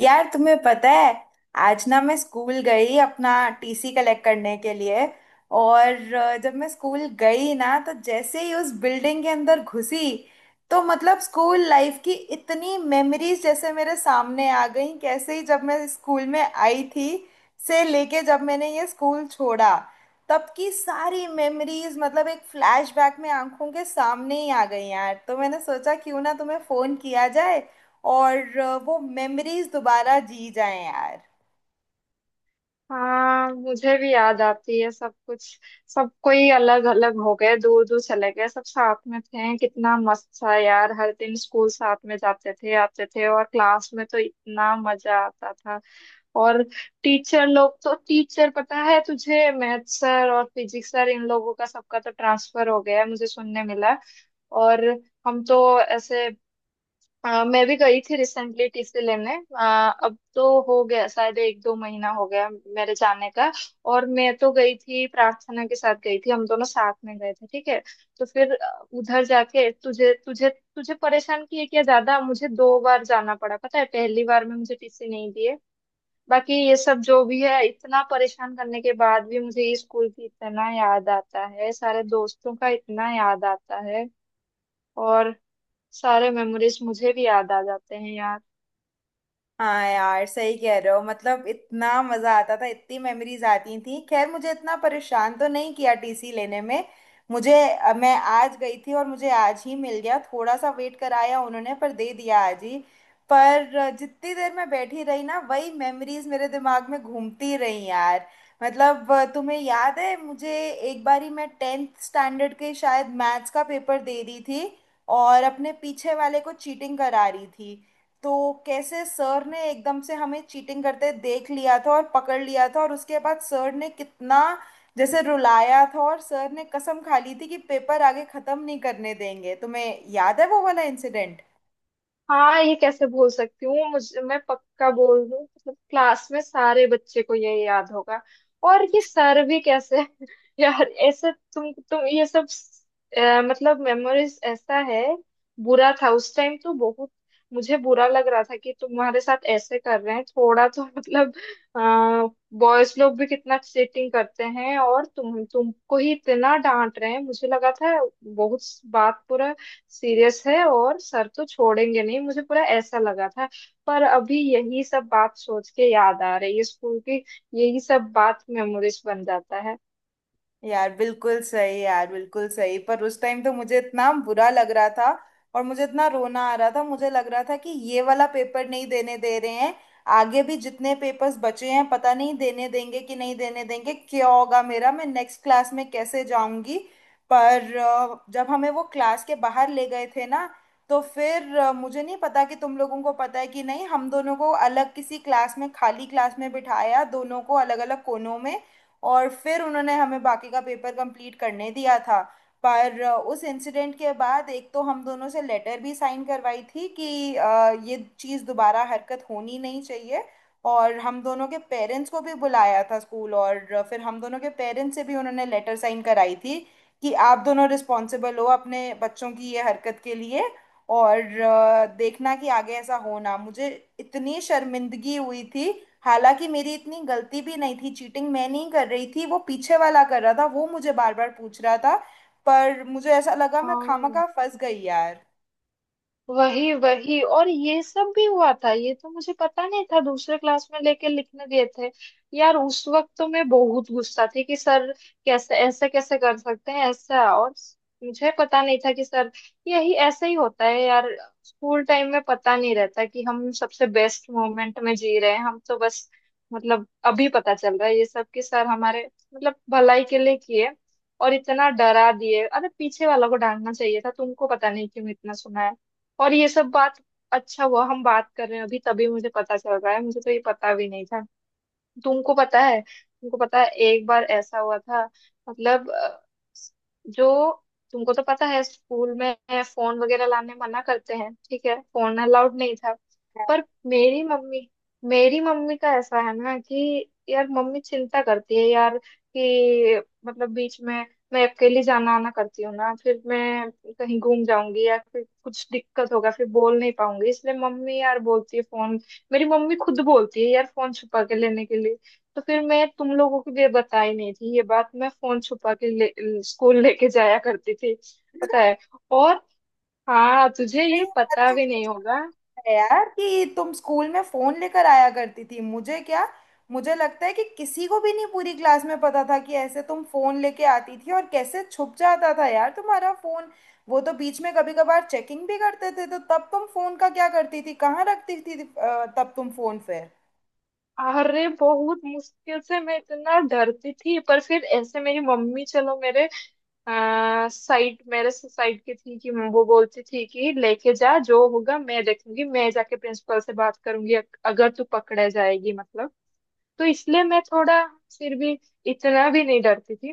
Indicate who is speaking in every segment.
Speaker 1: यार तुम्हें पता है आज ना मैं स्कूल गई अपना टीसी कलेक्ट करने के लिए। और जब मैं स्कूल गई ना तो जैसे ही उस बिल्डिंग के अंदर घुसी तो मतलब स्कूल लाइफ की इतनी मेमोरीज जैसे मेरे सामने आ गई। कैसे ही जब मैं स्कूल में आई थी से लेके जब मैंने ये स्कूल छोड़ा तब की सारी मेमोरीज मतलब एक फ्लैशबैक में आंखों के सामने ही आ गई यार। तो मैंने सोचा क्यों ना तुम्हें फोन किया जाए और वो मेमोरीज दोबारा जी जाएँ यार।
Speaker 2: हाँ मुझे भी याद आती है सब कुछ। सब कोई अलग अलग हो गए, दूर दूर चले गए, सब साथ में थे, कितना मस्त था यार। हर दिन स्कूल साथ में जाते थे आते थे और क्लास में तो इतना मजा आता था। और टीचर लोग तो, टीचर पता है तुझे मैथ सर और फिजिक्स सर इन लोगों का सबका तो ट्रांसफर हो गया है, मुझे सुनने मिला। और हम तो ऐसे मैं भी गई थी रिसेंटली टीसी लेने। अब तो हो गया शायद एक दो महीना हो गया मेरे जाने का। और मैं तो गई थी, प्रार्थना के साथ गई थी, हम दोनों साथ में गए थे, ठीक है। तो फिर उधर जाके तुझे तुझे तुझे परेशान किए क्या ज्यादा, मुझे दो बार जाना पड़ा। पता है पहली बार में मुझे टीसी नहीं दिए। बाकी ये सब जो भी है, इतना परेशान करने के बाद भी मुझे ये स्कूल की इतना याद आता है, सारे दोस्तों का इतना याद आता है। और सारे मेमोरीज मुझे भी याद आ जाते हैं यार।
Speaker 1: हाँ यार, सही कह रहे हो, मतलब इतना मजा आता था, इतनी मेमोरीज आती थी। खैर मुझे इतना परेशान तो नहीं किया टीसी लेने में। मैं आज गई थी और मुझे आज ही मिल गया, थोड़ा सा वेट कराया उन्होंने पर दे दिया आज ही। पर जितनी देर मैं बैठी रही ना वही मेमोरीज मेरे दिमाग में घूमती रही यार। मतलब तुम्हें याद है मुझे, एक बारी मैं टेंथ स्टैंडर्ड के शायद मैथ्स का पेपर दे रही थी और अपने पीछे वाले को चीटिंग करा रही थी। तो कैसे सर ने एकदम से हमें चीटिंग करते देख लिया था और पकड़ लिया था, और उसके बाद सर ने कितना जैसे रुलाया था, और सर ने कसम खा ली थी कि पेपर आगे खत्म नहीं करने देंगे। तुम्हें याद है वो वाला इंसिडेंट?
Speaker 2: हाँ ये कैसे भूल सकती हूँ, मुझे, मैं पक्का बोल रही हूँ मतलब क्लास में सारे बच्चे को ये याद होगा। और ये सर भी कैसे यार। ऐसे तुम ये सब मतलब मेमोरीज ऐसा है। बुरा था उस टाइम तो बहुत। मुझे बुरा लग रहा था कि तुम्हारे साथ ऐसे कर रहे हैं थोड़ा तो मतलब बॉयज लोग भी कितना चीटिंग करते हैं और तुमको ही इतना डांट रहे हैं मुझे लगा था, बहुत बात बुरा सीरियस है और सर तो छोड़ेंगे नहीं मुझे, पूरा ऐसा लगा था। पर अभी यही सब बात सोच के याद आ रही है स्कूल की, यही सब बात मेमोरीज बन जाता है।
Speaker 1: यार बिल्कुल सही, यार बिल्कुल सही। पर उस टाइम तो मुझे इतना बुरा लग रहा था और मुझे इतना रोना आ रहा था, मुझे लग रहा था कि ये वाला पेपर नहीं देने दे रहे हैं, आगे भी जितने पेपर्स बचे हैं पता नहीं देने देंगे कि नहीं देने देंगे, क्या होगा मेरा, मैं नेक्स्ट क्लास में कैसे जाऊंगी। पर जब हमें वो क्लास के बाहर ले गए थे ना तो फिर मुझे नहीं पता कि तुम लोगों को पता है कि नहीं, हम दोनों को अलग किसी क्लास में, खाली क्लास में बिठाया, दोनों को अलग अलग कोनों में, और फिर उन्होंने हमें बाकी का पेपर कंप्लीट करने दिया था। पर उस इंसिडेंट के बाद एक तो हम दोनों से लेटर भी साइन करवाई थी कि ये चीज़ दोबारा हरकत होनी नहीं चाहिए, और हम दोनों के पेरेंट्स को भी बुलाया था स्कूल, और फिर हम दोनों के पेरेंट्स से भी उन्होंने लेटर साइन कराई थी कि आप दोनों रिस्पॉन्सिबल हो अपने बच्चों की ये हरकत के लिए, और देखना कि आगे ऐसा हो ना। मुझे इतनी शर्मिंदगी हुई थी, हालांकि मेरी इतनी गलती भी नहीं थी। चीटिंग मैं नहीं कर रही थी, वो पीछे वाला कर रहा था, वो मुझे बार बार पूछ रहा था। पर मुझे ऐसा लगा मैं
Speaker 2: हाँ,
Speaker 1: खामखा फंस गई यार।
Speaker 2: वही वही। और ये सब भी हुआ था, ये तो मुझे पता नहीं था, दूसरे क्लास में लेके लिखने दिए थे। यार उस वक्त तो मैं बहुत गुस्सा थी कि सर कैसे, ऐसे कैसे कर सकते हैं ऐसा। और मुझे पता नहीं था कि सर, यही ऐसे ही होता है यार। स्कूल टाइम में पता नहीं रहता कि हम सबसे बेस्ट मोमेंट में जी रहे हैं, हम तो बस मतलब अभी पता चल रहा है ये सब कि सर हमारे मतलब भलाई के लिए किए। और इतना डरा दिए, अरे पीछे वालों को डांटना चाहिए था, तुमको पता नहीं क्यों इतना सुनाया। और ये सब बात, अच्छा हुआ हम बात कर रहे हैं अभी, तभी मुझे पता चल रहा है, मुझे तो ये पता भी नहीं था। तुमको पता है, तुमको पता है एक बार ऐसा हुआ था, मतलब जो, तुमको तो पता है स्कूल में फोन वगैरह लाने मना करते हैं, ठीक है, फोन अलाउड नहीं था। पर मेरी मम्मी मेरी मम्मी का ऐसा है ना कि यार मम्मी चिंता करती है यार कि मतलब बीच में मैं अकेली जाना आना करती हूँ ना, फिर मैं कहीं घूम जाऊंगी या फिर कुछ दिक्कत होगा फिर बोल नहीं पाऊंगी, इसलिए मम्मी यार बोलती है फोन। मेरी मम्मी खुद बोलती है यार फोन छुपा के लेने के लिए। तो फिर मैं तुम लोगों को ये बताई नहीं थी ये बात, मैं फोन छुपा के ले, स्कूल लेके जाया करती थी, पता है। और हाँ तुझे
Speaker 1: अरे
Speaker 2: ये
Speaker 1: ये बात
Speaker 2: पता
Speaker 1: तो
Speaker 2: भी नहीं
Speaker 1: सच
Speaker 2: होगा।
Speaker 1: है यार कि तुम स्कूल में फोन लेकर आया करती थी, मुझे क्या, मुझे लगता है कि किसी को भी नहीं पूरी क्लास में पता था कि ऐसे तुम फोन लेके आती थी और कैसे छुप जाता था यार तुम्हारा फोन। वो तो बीच में कभी कभार चेकिंग भी करते थे, तो तब तुम फोन का क्या करती थी, कहाँ रखती थी, तब तुम फोन फिर
Speaker 2: अरे बहुत मुश्किल से, मैं इतना डरती थी पर फिर ऐसे मेरी मम्मी, चलो, मेरे साइड, मेरे से साइड की थी कि वो बोलती थी कि लेके जा जो होगा मैं देखूंगी, मैं जाके प्रिंसिपल से बात करूंगी अगर तू पकड़े जाएगी मतलब। तो इसलिए मैं थोड़ा, फिर भी इतना भी नहीं डरती थी।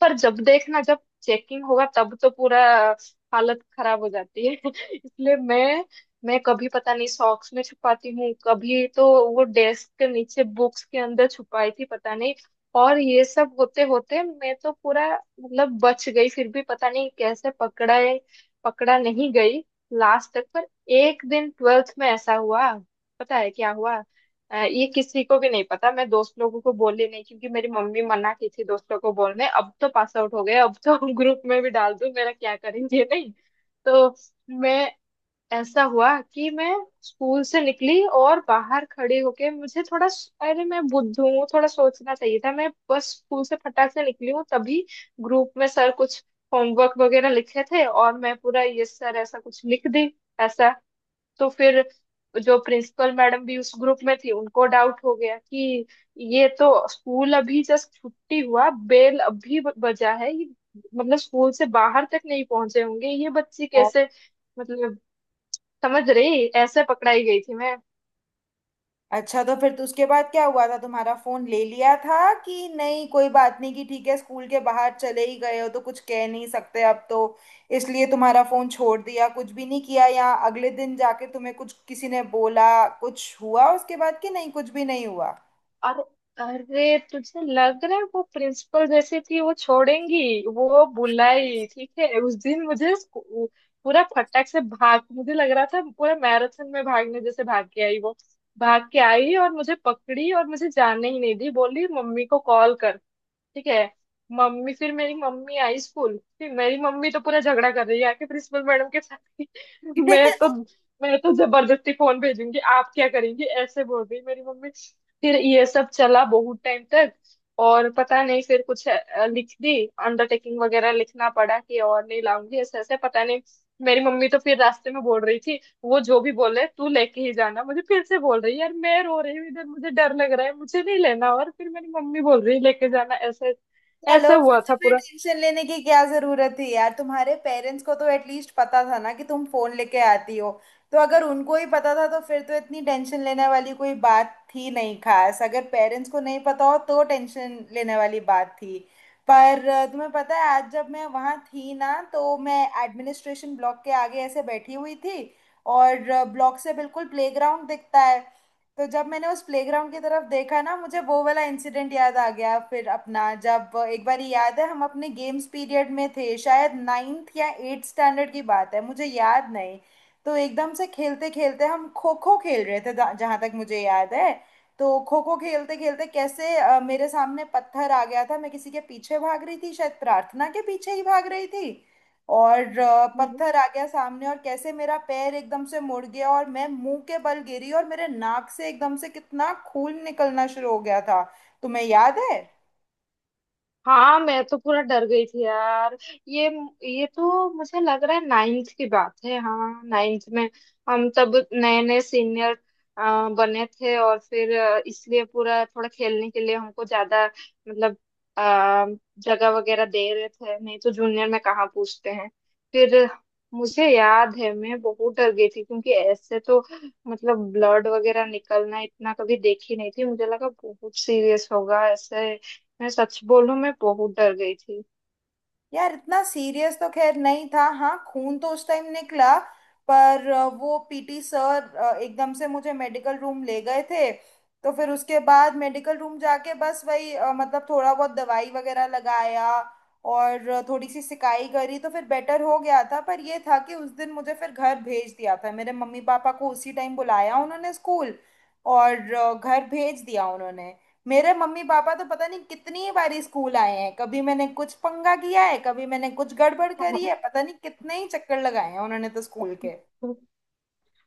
Speaker 2: पर जब देखना जब चेकिंग होगा तब तो पूरा हालत खराब हो जाती है इसलिए मैं कभी पता नहीं सॉक्स में छुपाती हूँ, कभी तो वो डेस्क के नीचे बुक्स के अंदर छुपाई थी, पता नहीं। और ये सब होते होते मैं तो पूरा मतलब बच गई फिर भी, पता नहीं कैसे पकड़ा है, पकड़ा नहीं गई लास्ट तक। पर एक दिन ट्वेल्थ में ऐसा हुआ, पता है क्या हुआ। ये किसी को भी नहीं पता, मैं दोस्त लोगों को बोली नहीं क्योंकि मेरी मम्मी मना की थी दोस्त लोगों को बोलने, अब तो पास आउट हो गए अब तो ग्रुप में भी डाल दूं मेरा क्या करेंगे नहीं। तो मैं, ऐसा हुआ कि मैं स्कूल से निकली और बाहर खड़ी होके मुझे थोड़ा, अरे मैं बुद्ध हूँ, थोड़ा सोचना चाहिए था, मैं बस स्कूल से फटाक से निकली हूँ तभी ग्रुप में सर कुछ होमवर्क वगैरह लिखे थे और मैं पूरा यस सर ऐसा कुछ लिख दी ऐसा। तो फिर जो प्रिंसिपल मैडम भी उस ग्रुप में थी उनको डाउट हो गया कि ये तो स्कूल अभी जस्ट छुट्टी हुआ, बेल अभी बजा है, ये मतलब स्कूल से बाहर तक नहीं पहुंचे होंगे, ये बच्ची कैसे, मतलब समझ रही, ऐसे पकड़ाई गई थी मैं।
Speaker 1: अच्छा तो फिर तो उसके बाद क्या हुआ था? तुम्हारा फोन ले लिया था कि नहीं? कोई बात नहीं कि ठीक है, स्कूल के बाहर चले ही गए हो तो कुछ कह नहीं सकते अब तो, इसलिए तुम्हारा फोन छोड़ दिया, कुछ भी नहीं किया? या अगले दिन जाके तुम्हें कुछ किसी ने बोला, कुछ हुआ उसके बाद कि नहीं, कुछ भी नहीं हुआ?
Speaker 2: अरे, अरे तुझे लग रहा है वो प्रिंसिपल जैसी थी वो छोड़ेंगी। वो बुलाई, ठीक है उस दिन मुझे पूरा फटाक से भाग, मुझे लग रहा था पूरा मैराथन में भागने जैसे भाग के आई वो, भाग के आई और मुझे पकड़ी और मुझे जाने ही नहीं दी, बोली मम्मी को कॉल कर, ठीक है। मम्मी फिर, मेरी मम्मी आई स्कूल, फिर मेरी मम्मी तो पूरा झगड़ा कर रही है आके प्रिंसिपल मैडम के साथ कि मैं तो, मैं तो जबरदस्ती फोन भेजूंगी आप क्या करेंगी, ऐसे बोल रही मेरी मम्मी। फिर ये सब चला बहुत टाइम तक, और पता नहीं फिर कुछ लिख दी, अंडरटेकिंग वगैरह लिखना पड़ा कि और नहीं लाऊंगी ऐसे ऐसे, पता नहीं। मेरी मम्मी तो फिर रास्ते में बोल रही थी, वो जो भी बोले तू लेके ही जाना, मुझे फिर से बोल रही है यार, मैं रो रही हूँ इधर, मुझे डर लग रहा है मुझे नहीं लेना, और फिर मेरी मम्मी बोल रही है लेके जाना ऐसे।
Speaker 1: चलो,
Speaker 2: ऐसे
Speaker 1: पर
Speaker 2: हुआ था
Speaker 1: तुम्हें
Speaker 2: पूरा।
Speaker 1: टेंशन लेने की क्या जरूरत थी यार, तुम्हारे पेरेंट्स को तो एटलीस्ट पता था ना कि तुम फोन लेके आती हो, तो अगर उनको ही पता था तो फिर तो इतनी टेंशन लेने वाली कोई बात थी नहीं खास। अगर पेरेंट्स को नहीं पता हो तो टेंशन लेने वाली बात थी। पर तुम्हें पता है आज जब मैं वहाँ थी ना तो मैं एडमिनिस्ट्रेशन ब्लॉक के आगे ऐसे बैठी हुई थी, और ब्लॉक से बिल्कुल प्लेग्राउंड दिखता है। तो जब मैंने उस प्लेग्राउंड की तरफ देखा ना, मुझे वो वाला इंसिडेंट याद आ गया फिर अपना, जब एक बार याद है हम अपने गेम्स पीरियड में थे, शायद नाइन्थ या एट्थ स्टैंडर्ड की बात है, मुझे याद नहीं। तो एकदम से खेलते खेलते हम खो खो खेल रहे थे, जहाँ तक मुझे याद है। तो खो खो खेलते खेलते कैसे मेरे सामने पत्थर आ गया था, मैं किसी के पीछे भाग रही थी, शायद प्रार्थना के पीछे ही भाग रही थी, और पत्थर आ गया सामने और कैसे मेरा पैर एकदम से मुड़ गया और मैं मुंह के बल गिरी और मेरे नाक से एकदम से कितना खून निकलना शुरू हो गया था। तुम्हें याद है?
Speaker 2: हाँ मैं तो पूरा डर गई थी यार। ये ये तो मुझे लग रहा है नाइन्थ की बात है, हाँ नाइन्थ में। हम तब नए नए सीनियर बने थे और फिर इसलिए पूरा थोड़ा खेलने के लिए हमको ज्यादा मतलब अ, जगह वगैरह दे रहे थे, नहीं तो जूनियर में कहाँ पूछते हैं। फिर मुझे याद है मैं बहुत डर गई थी क्योंकि ऐसे तो मतलब ब्लड वगैरह निकलना इतना कभी देखी नहीं थी, मुझे लगा बहुत सीरियस होगा ऐसे। मैं सच बोलूं मैं बहुत डर गई थी।
Speaker 1: यार इतना सीरियस तो खैर नहीं था, हाँ खून तो उस टाइम निकला। पर वो पीटी सर एकदम से मुझे मेडिकल रूम ले गए थे। तो फिर उसके बाद मेडिकल रूम जाके बस वही मतलब थोड़ा बहुत दवाई वगैरह लगाया और थोड़ी सी सिकाई करी तो फिर बेटर हो गया था। पर ये था कि उस दिन मुझे फिर घर भेज दिया था, मेरे मम्मी पापा को उसी टाइम बुलाया उन्होंने स्कूल, और घर भेज दिया उन्होंने। मेरे मम्मी पापा तो पता नहीं कितनी बारी स्कूल आए हैं, कभी मैंने कुछ पंगा किया है, कभी मैंने कुछ गड़बड़ करी है, पता नहीं कितने ही चक्कर लगाए हैं उन्होंने तो स्कूल के।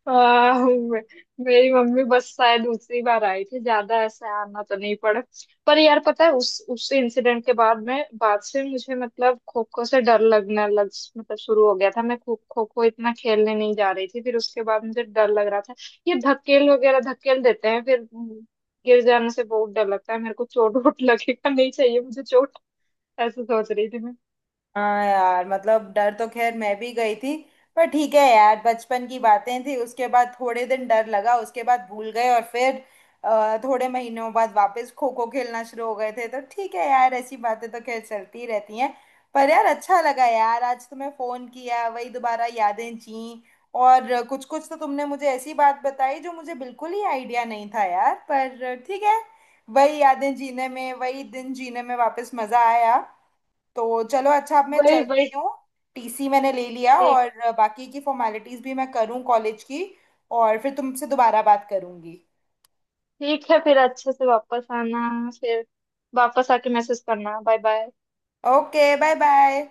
Speaker 2: आह, मे- मेरी मम्मी बस शायद दूसरी बार आई थी, ज्यादा ऐसे आना तो नहीं पड़ा। पर यार पता है उस इंसिडेंट के बाद में, बाद से मुझे मतलब खो खो से डर लगने लग, मतलब शुरू हो गया था, मैं खो खो खो इतना खेलने नहीं जा रही थी फिर, उसके बाद मुझे डर लग रहा था ये धकेल वगैरह धकेल देते हैं फिर गिर जाने से बहुत डर लगता है मेरे को, चोट वोट लगेगा नहीं चाहिए मुझे चोट, ऐसे सोच रही थी मैं।
Speaker 1: हाँ यार, मतलब डर तो खैर मैं भी गई थी। पर ठीक है यार, बचपन की बातें थी, उसके बाद थोड़े दिन डर लगा, उसके बाद भूल गए और फिर थोड़े महीनों बाद वापस खो खो खेलना शुरू हो गए थे, तो ठीक है यार, ऐसी बातें तो खैर चलती ही रहती हैं। पर यार अच्छा लगा यार आज तुम्हें फोन किया, वही दोबारा यादें जी, और कुछ कुछ तो तुमने मुझे ऐसी बात बताई जो मुझे बिल्कुल ही आइडिया नहीं था यार, पर ठीक है, वही यादें जीने में, वही दिन जीने में वापस मजा आया। तो चलो अच्छा, अब मैं
Speaker 2: वही वही,
Speaker 1: चलती हूँ, टीसी मैंने ले लिया और बाकी की फॉर्मेलिटीज भी मैं करूँ कॉलेज की, और फिर तुमसे दोबारा बात करूँगी।
Speaker 2: ठीक है फिर अच्छे से वापस आना, फिर वापस आके मैसेज करना, bye bye.
Speaker 1: Okay, bye bye.